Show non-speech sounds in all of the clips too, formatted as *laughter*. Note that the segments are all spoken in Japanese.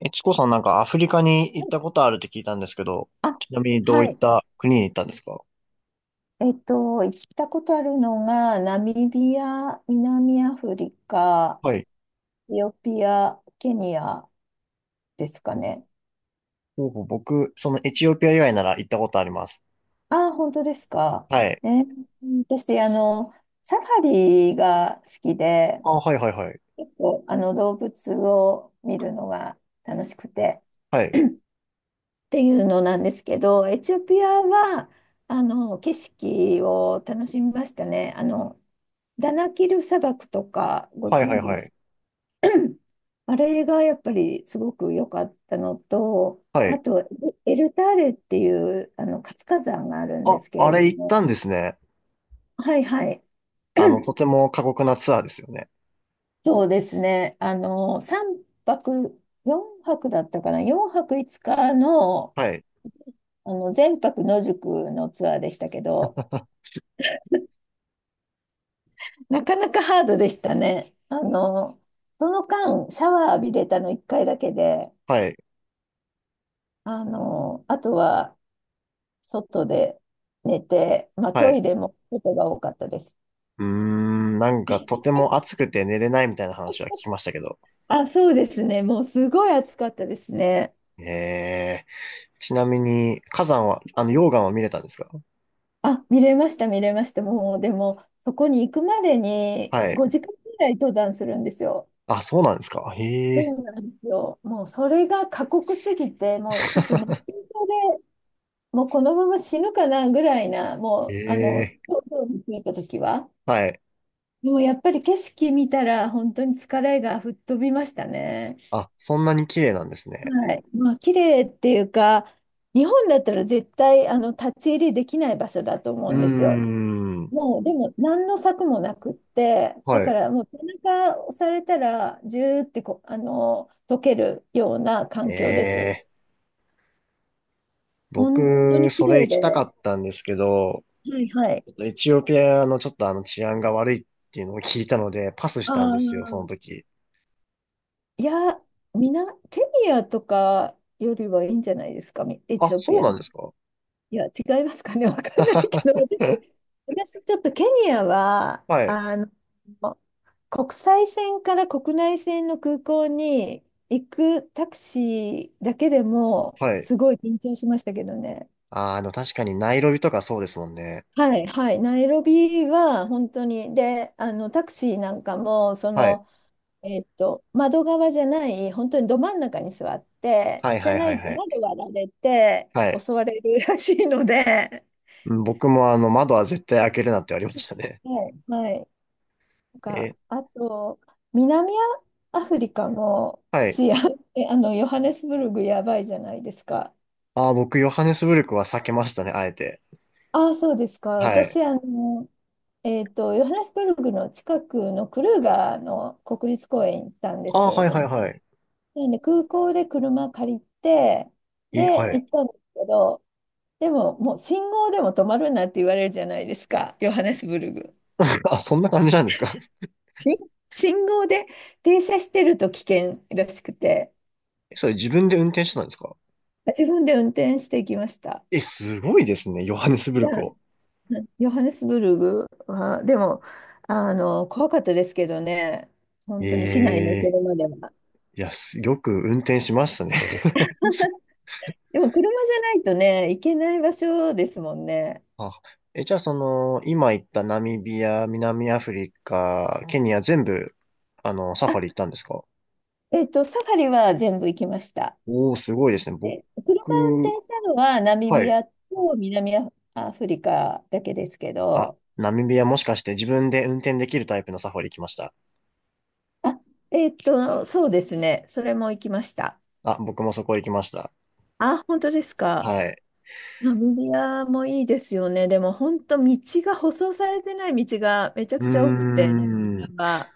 チコさんなんかアフリカに行ったことあるって聞いたんですけど、あちなみにどうはいっい。た国に行ったんですか？行ったことあるのが、ナミビア、南アフリカ、はい。エチオピア、ケニアですかね。ほうほう僕、そのエチオピア以外なら行ったことあります。ああ、本当ですか。はい。えー私、サファリが好きで、あ、はいはいはい。結構動物を見るのが楽しくて は *clears throat* い。っていうのなんですけど、エチオピアは、景色を楽しみましたね。ダナキル砂漠とか、ごはいは存い知はでい。す？ *clears throat* あれがやっぱりすごく良かったのと、はあい。と、エルターレっていうあの活火山があるんであ、すけあれれど行っも、たんですね。はいはい、と *clears throat* ても過酷なツアーですよね。そうですね、3泊、4泊だったかな、4泊5日の、はい。全泊野宿のツアーでしたけど、*laughs* なかなかハードでしたね。その間、シャワー浴びれたの1回だけで、はい。あとは外で寝て、まあ、はトい。イレも外が多かったです。なんかとても暑くて寝れないみたいな話は聞きましたけど。あ、そうですね。もうすごい暑かったですね。ええ。ちなみに、火山は、溶岩は見れたんですか？あ、見れました、見れました。もう、でも、そこに行くまでにはい。5時間ぐらい登山するんですよ。あ、そうなんですか。へえ。そうなんですよ。もう、それが過酷すぎて、もう、ちょっと熱中 *laughs* 症で、もう、このまま死ぬかなぐらいな、もう、ええ、東京に着いた時は。はい。でも、やっぱり景色見たら、本当に疲れが吹っ飛びましたね。あ、そんなに綺麗なんですね。はい。まあ、綺麗っていうか、日本だったら絶対立ち入りできない場所だと思ううーんですよ。ん。もう、でも何の策もなくって、だはかい。らもう背中を押されたら、ジューってこう、溶けるようなえ環境ですよ。え、本当僕、に綺それ麗行きたかで。ったんですけど、はいはい。エチオピアのちょっと治安が悪いっていうのを聞いたので、パスしあたんですよ、そのあ。時。いや、ケニアとかよりはいいんじゃないですか、エあ、チオそピうアなんの。ですか？ いや、違いますかね、*laughs* わかんないけど、*laughs* 私ちょっとケニアは、はい。国際線から国内線の空港に行くタクシーだけでも、はい。すごい緊張しましたけどね。あー、確かにナイロビとかそうですもんね。はい、はい、ナイロビは本当に、で、あのタクシーなんかも、はい。窓側じゃない、本当にど真ん中に座って、はいじゃはいなはいいとはい。窓割られてはい。襲われるらしいので、うん、僕も窓は絶対開けるなって言われましたね。はい、はいえあと、南アフリカのはい。治安、*laughs* ヨハネスブルグやばいじゃないですか。あー、僕、ヨハネスブルクは避けましたね、あえて。ああ、そうですか。はい。私、ヨハネスブルグの近くのクルーガーの国立公園行ったんであすあ、けれはいどはいも、はい。なんで空港で車借りて、で、は行い。ったんですけど、でも、もう信号でも止まるなって言われるじゃないですか、ヨハネスブルグ。*laughs* あ、そんな感じなんですか？ し信号で停車してると危険らしくて。*laughs* それ自分で運転してたんですか？自分で運転していきました。え、すごいですね。ヨハネスブじルゃあ、クを。うん、ヨハネスブルグは、でも、怖かったですけどね、え本当に市内のえ、車では。いや、*laughs* よく運転しましたね。でも、車じゃないとね、行けない場所ですもんね。*laughs* あ、じゃあその、今言ったナミビア、南アフリカ、ケニア全部、サフあ、ァリ行ったんですか？サファリは全部行きました。おー、すごいですね。僕、で、車運転したのはナミはビい。アと南アアフリカだけですけあ、ど、ナミビアもしかして自分で運転できるタイプのサファリ行きました？あ、そうですね、それも行きました。あ、僕もそこ行きました。あ、本当ですか。はい。ナミビアもいいですよね。でも本当道が舗装されてない道がめちゃうくーちゃ多くて、ナミビん。アは。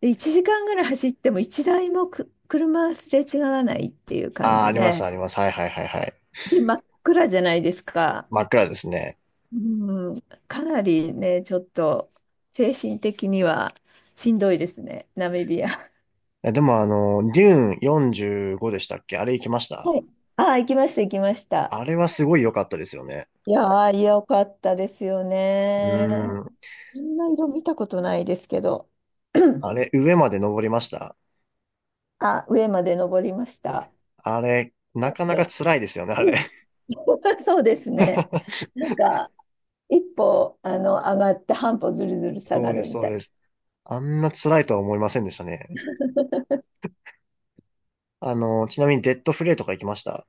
で、1時間ぐらい走っても1台も車すれ違わないっていう感ああ、じあります、で、あります。はいはいはいはい。で、真っ暗じゃないですか。真っ暗ですね。うん、かなりね、ちょっと精神的にはしんどいですね、ナミビア。でもデューン45でしたっけ？あれ行きました？はい。ああ、行きました、行きました。あれはすごい良かったですよね。いやー、よかったですようね。ーん。みんな色見たことないですけど。あれ、*clears throat* 上まで登りました？あ、上まで登りました。あれ、だなっかなかて。辛いですよね、あれ。うん *laughs* そうですね。*laughs* なんか、一歩、上がって半歩ずるずる下そうがでるす、みそうたいです。あんな辛いとは思いませんでしたね。ちなみにデッドフレイとか行きました？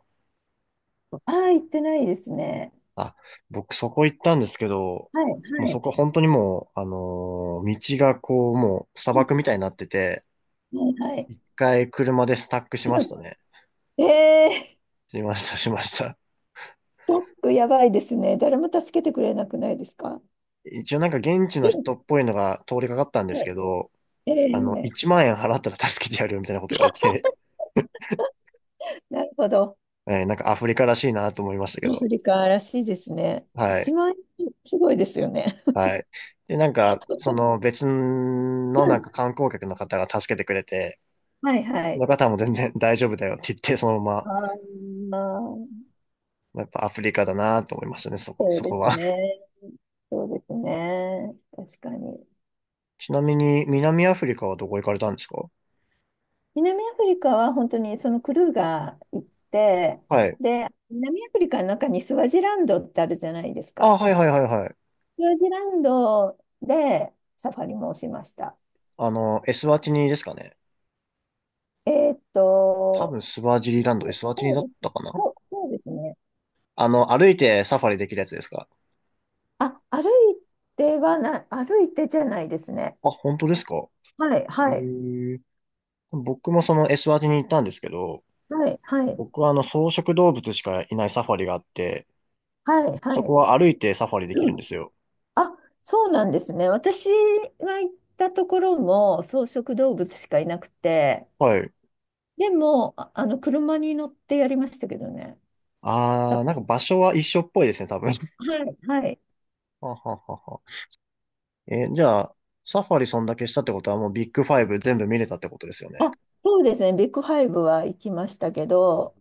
な。ああ、行ってないですね。あ、僕そこ行ったんですけど、はい、もうはそい。こ本当にもう、道がこう、もう砂漠みたいになってて、うん、はい、はい。一回車でスタックしましたうね。ん、しました、しました。トラックやばいですね。誰も助けてくれなくないですか？一応なんか現地のうん、人っぽいのが通りかかったんではすけい。ど、えー、1万円払ったら助けてやるよみたいなこと言われて、なるほど。*laughs* なんかアフリカらしいなと思いましたけアど。フリカらしいですね。は一い。万円、すごいですよね。はい。で、なんか、その別のなんか観光客の方が助けてくれて、はい、はそい。の方も全然大丈夫だよって言って、そのまま、ああ。まあやっぱアフリカだなと思いましたね、そこ、そそうでこすは。ね。そうですね。確かに。*laughs* ちなみに、南アフリカはどこ行かれたんですか？南アフリカは本当にそのクルーが行って、はい。で、南アフリカの中にスワジランドってあるじゃないですあ、か。はいはいはいはい。スワジランドでサファリもしました。エスワティニですかね。えーっ多と、分スワジリランド、そエうスワティニそうだっです。たかな？そうそうですね。歩いてサファリできるやつですか？あ、歩いてじゃないですね。あ、本当ですか？はい、えはい、ー、僕もそのエスワティニ行ったんですけど、はい、はい、僕は草食動物しかいないサファリがあって、はい、はそこい。は歩いてサファリできるんですよ。あ、そうなんですね。私が行ったところも草食動物しかいなくて、はい。でも、車に乗ってやりましたけどね。サあー、フなァんかリ場所は一緒っぽいですね、多分。*laughs* はい、はい。はははは。じゃあ、サファリそんだけしたってことはもうビッグファイブ全部見れたってことですよね。あ、そうですね。ビッグファイブは行きましたけど、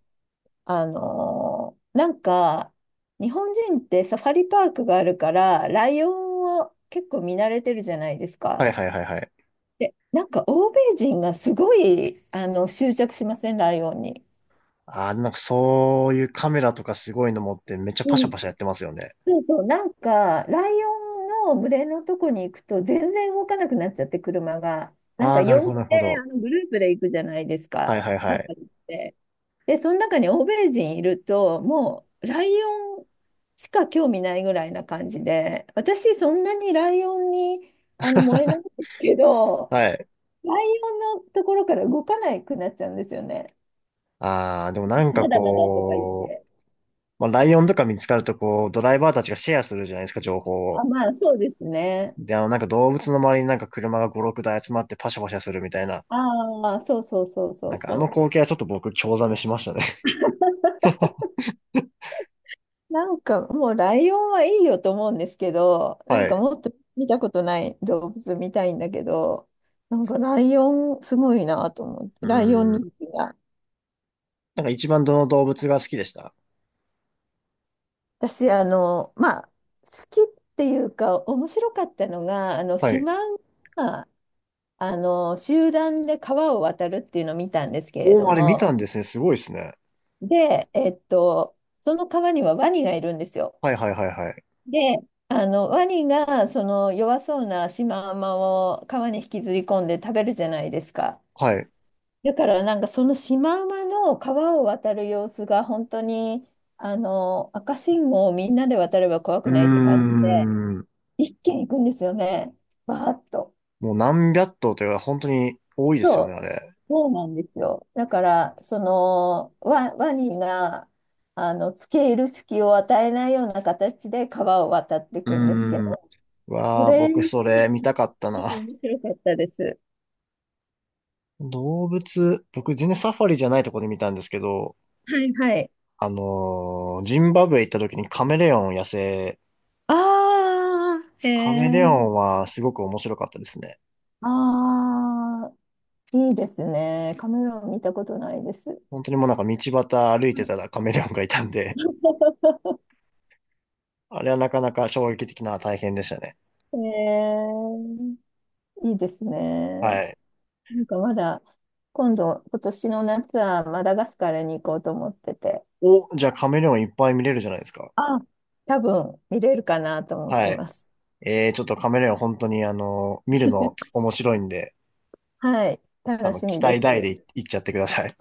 なんか、日本人ってサファリパークがあるから、ライオンを結構見慣れてるじゃないですはか。いはいはいはい。で、なんか欧米人がすごい、執着しません、ライオンに。あー、なんかそういうカメラとかすごいの持ってめっちゃうパシャん。パシャやってますよね。そうそう、なんか、ライオンの群れのとこに行くと、全然動かなくなっちゃって、車が。なんあか、あ、なるほ4ど、なるほでど。グループで行くじゃないですはか、いはいサはフい。ァリって。で、その中に欧米人いると、もう、ライオンしか興味ないぐらいな感じで、私、そんなにライオンに燃えないんですけど、はい。ライオンのところから動かなくなっちゃうんですよね。ああ、でもなんかまだまだとか言っこて。う、まあ、ライオンとか見つかるとこう、ドライバーたちがシェアするじゃないですか、情報を。あ、まあ、そうですね。で、なんか動物の周りになんか車が5、6台集まってパシャパシャするみたいな。ああ、そうそうそうそなうんかあのそう。光景はちょっと僕、興ざめしましたね。なんかもうライオンはいいよと思うんですけど、*laughs* なんはかい。もっと見たことない動物見たいんだけど、なんかライオンすごいなと思って、うライオンん。人気が。なんか一番どの動物が好きでした？私、まあ、好きっていうか、面白かったのが、はシい。マウマ、集団で川を渡るっていうのを見たんですけれおどー、あれ見たも、んですね。すごいですね。で、その川にはワニがいるんですよ。はいはいはいはい。で、ワニがその弱そうなシマウマを川に引きずり込んで食べるじゃないですか。はい。だからなんかそのシマウマの川を渡る様子が本当に、赤信号をみんなで渡れば怖うくーないって感じで、ん。一気に行くんですよね。バーッと。もう何百頭というか、本当に多いですよね、あれ。そうなんですよ。だから、ワニが、付け入る隙を与えないような形で川を渡っていうくんですけーん。ど、こわあ、れ、僕そなれ見たかったんな。か面白かったです。動物、僕全然サファリじゃないとこで見たんですけど、はいはい。ジンバブエ行った時にカメレオン野生、ああ、へカえ。メレオンはすごく面白かったですね。ああ、いいですね。カメラを見たことないです。本当にもうなんか道端歩いてたらカメレオンがいたんで、*laughs* あれはなかなか衝撃的な体験でしたね。へえ、いいですね。はい。なんかまだ、今度、今年の夏はマダガスカルに行こうと思ってて、お、じゃあカメレオンいっぱい見れるじゃないですか。あ、多分見れるかなと思っはてい。ます。ちょっとカメレオン本当に見るの *laughs* 面白いんで、はい、楽し期みで待大です。行っちゃってください。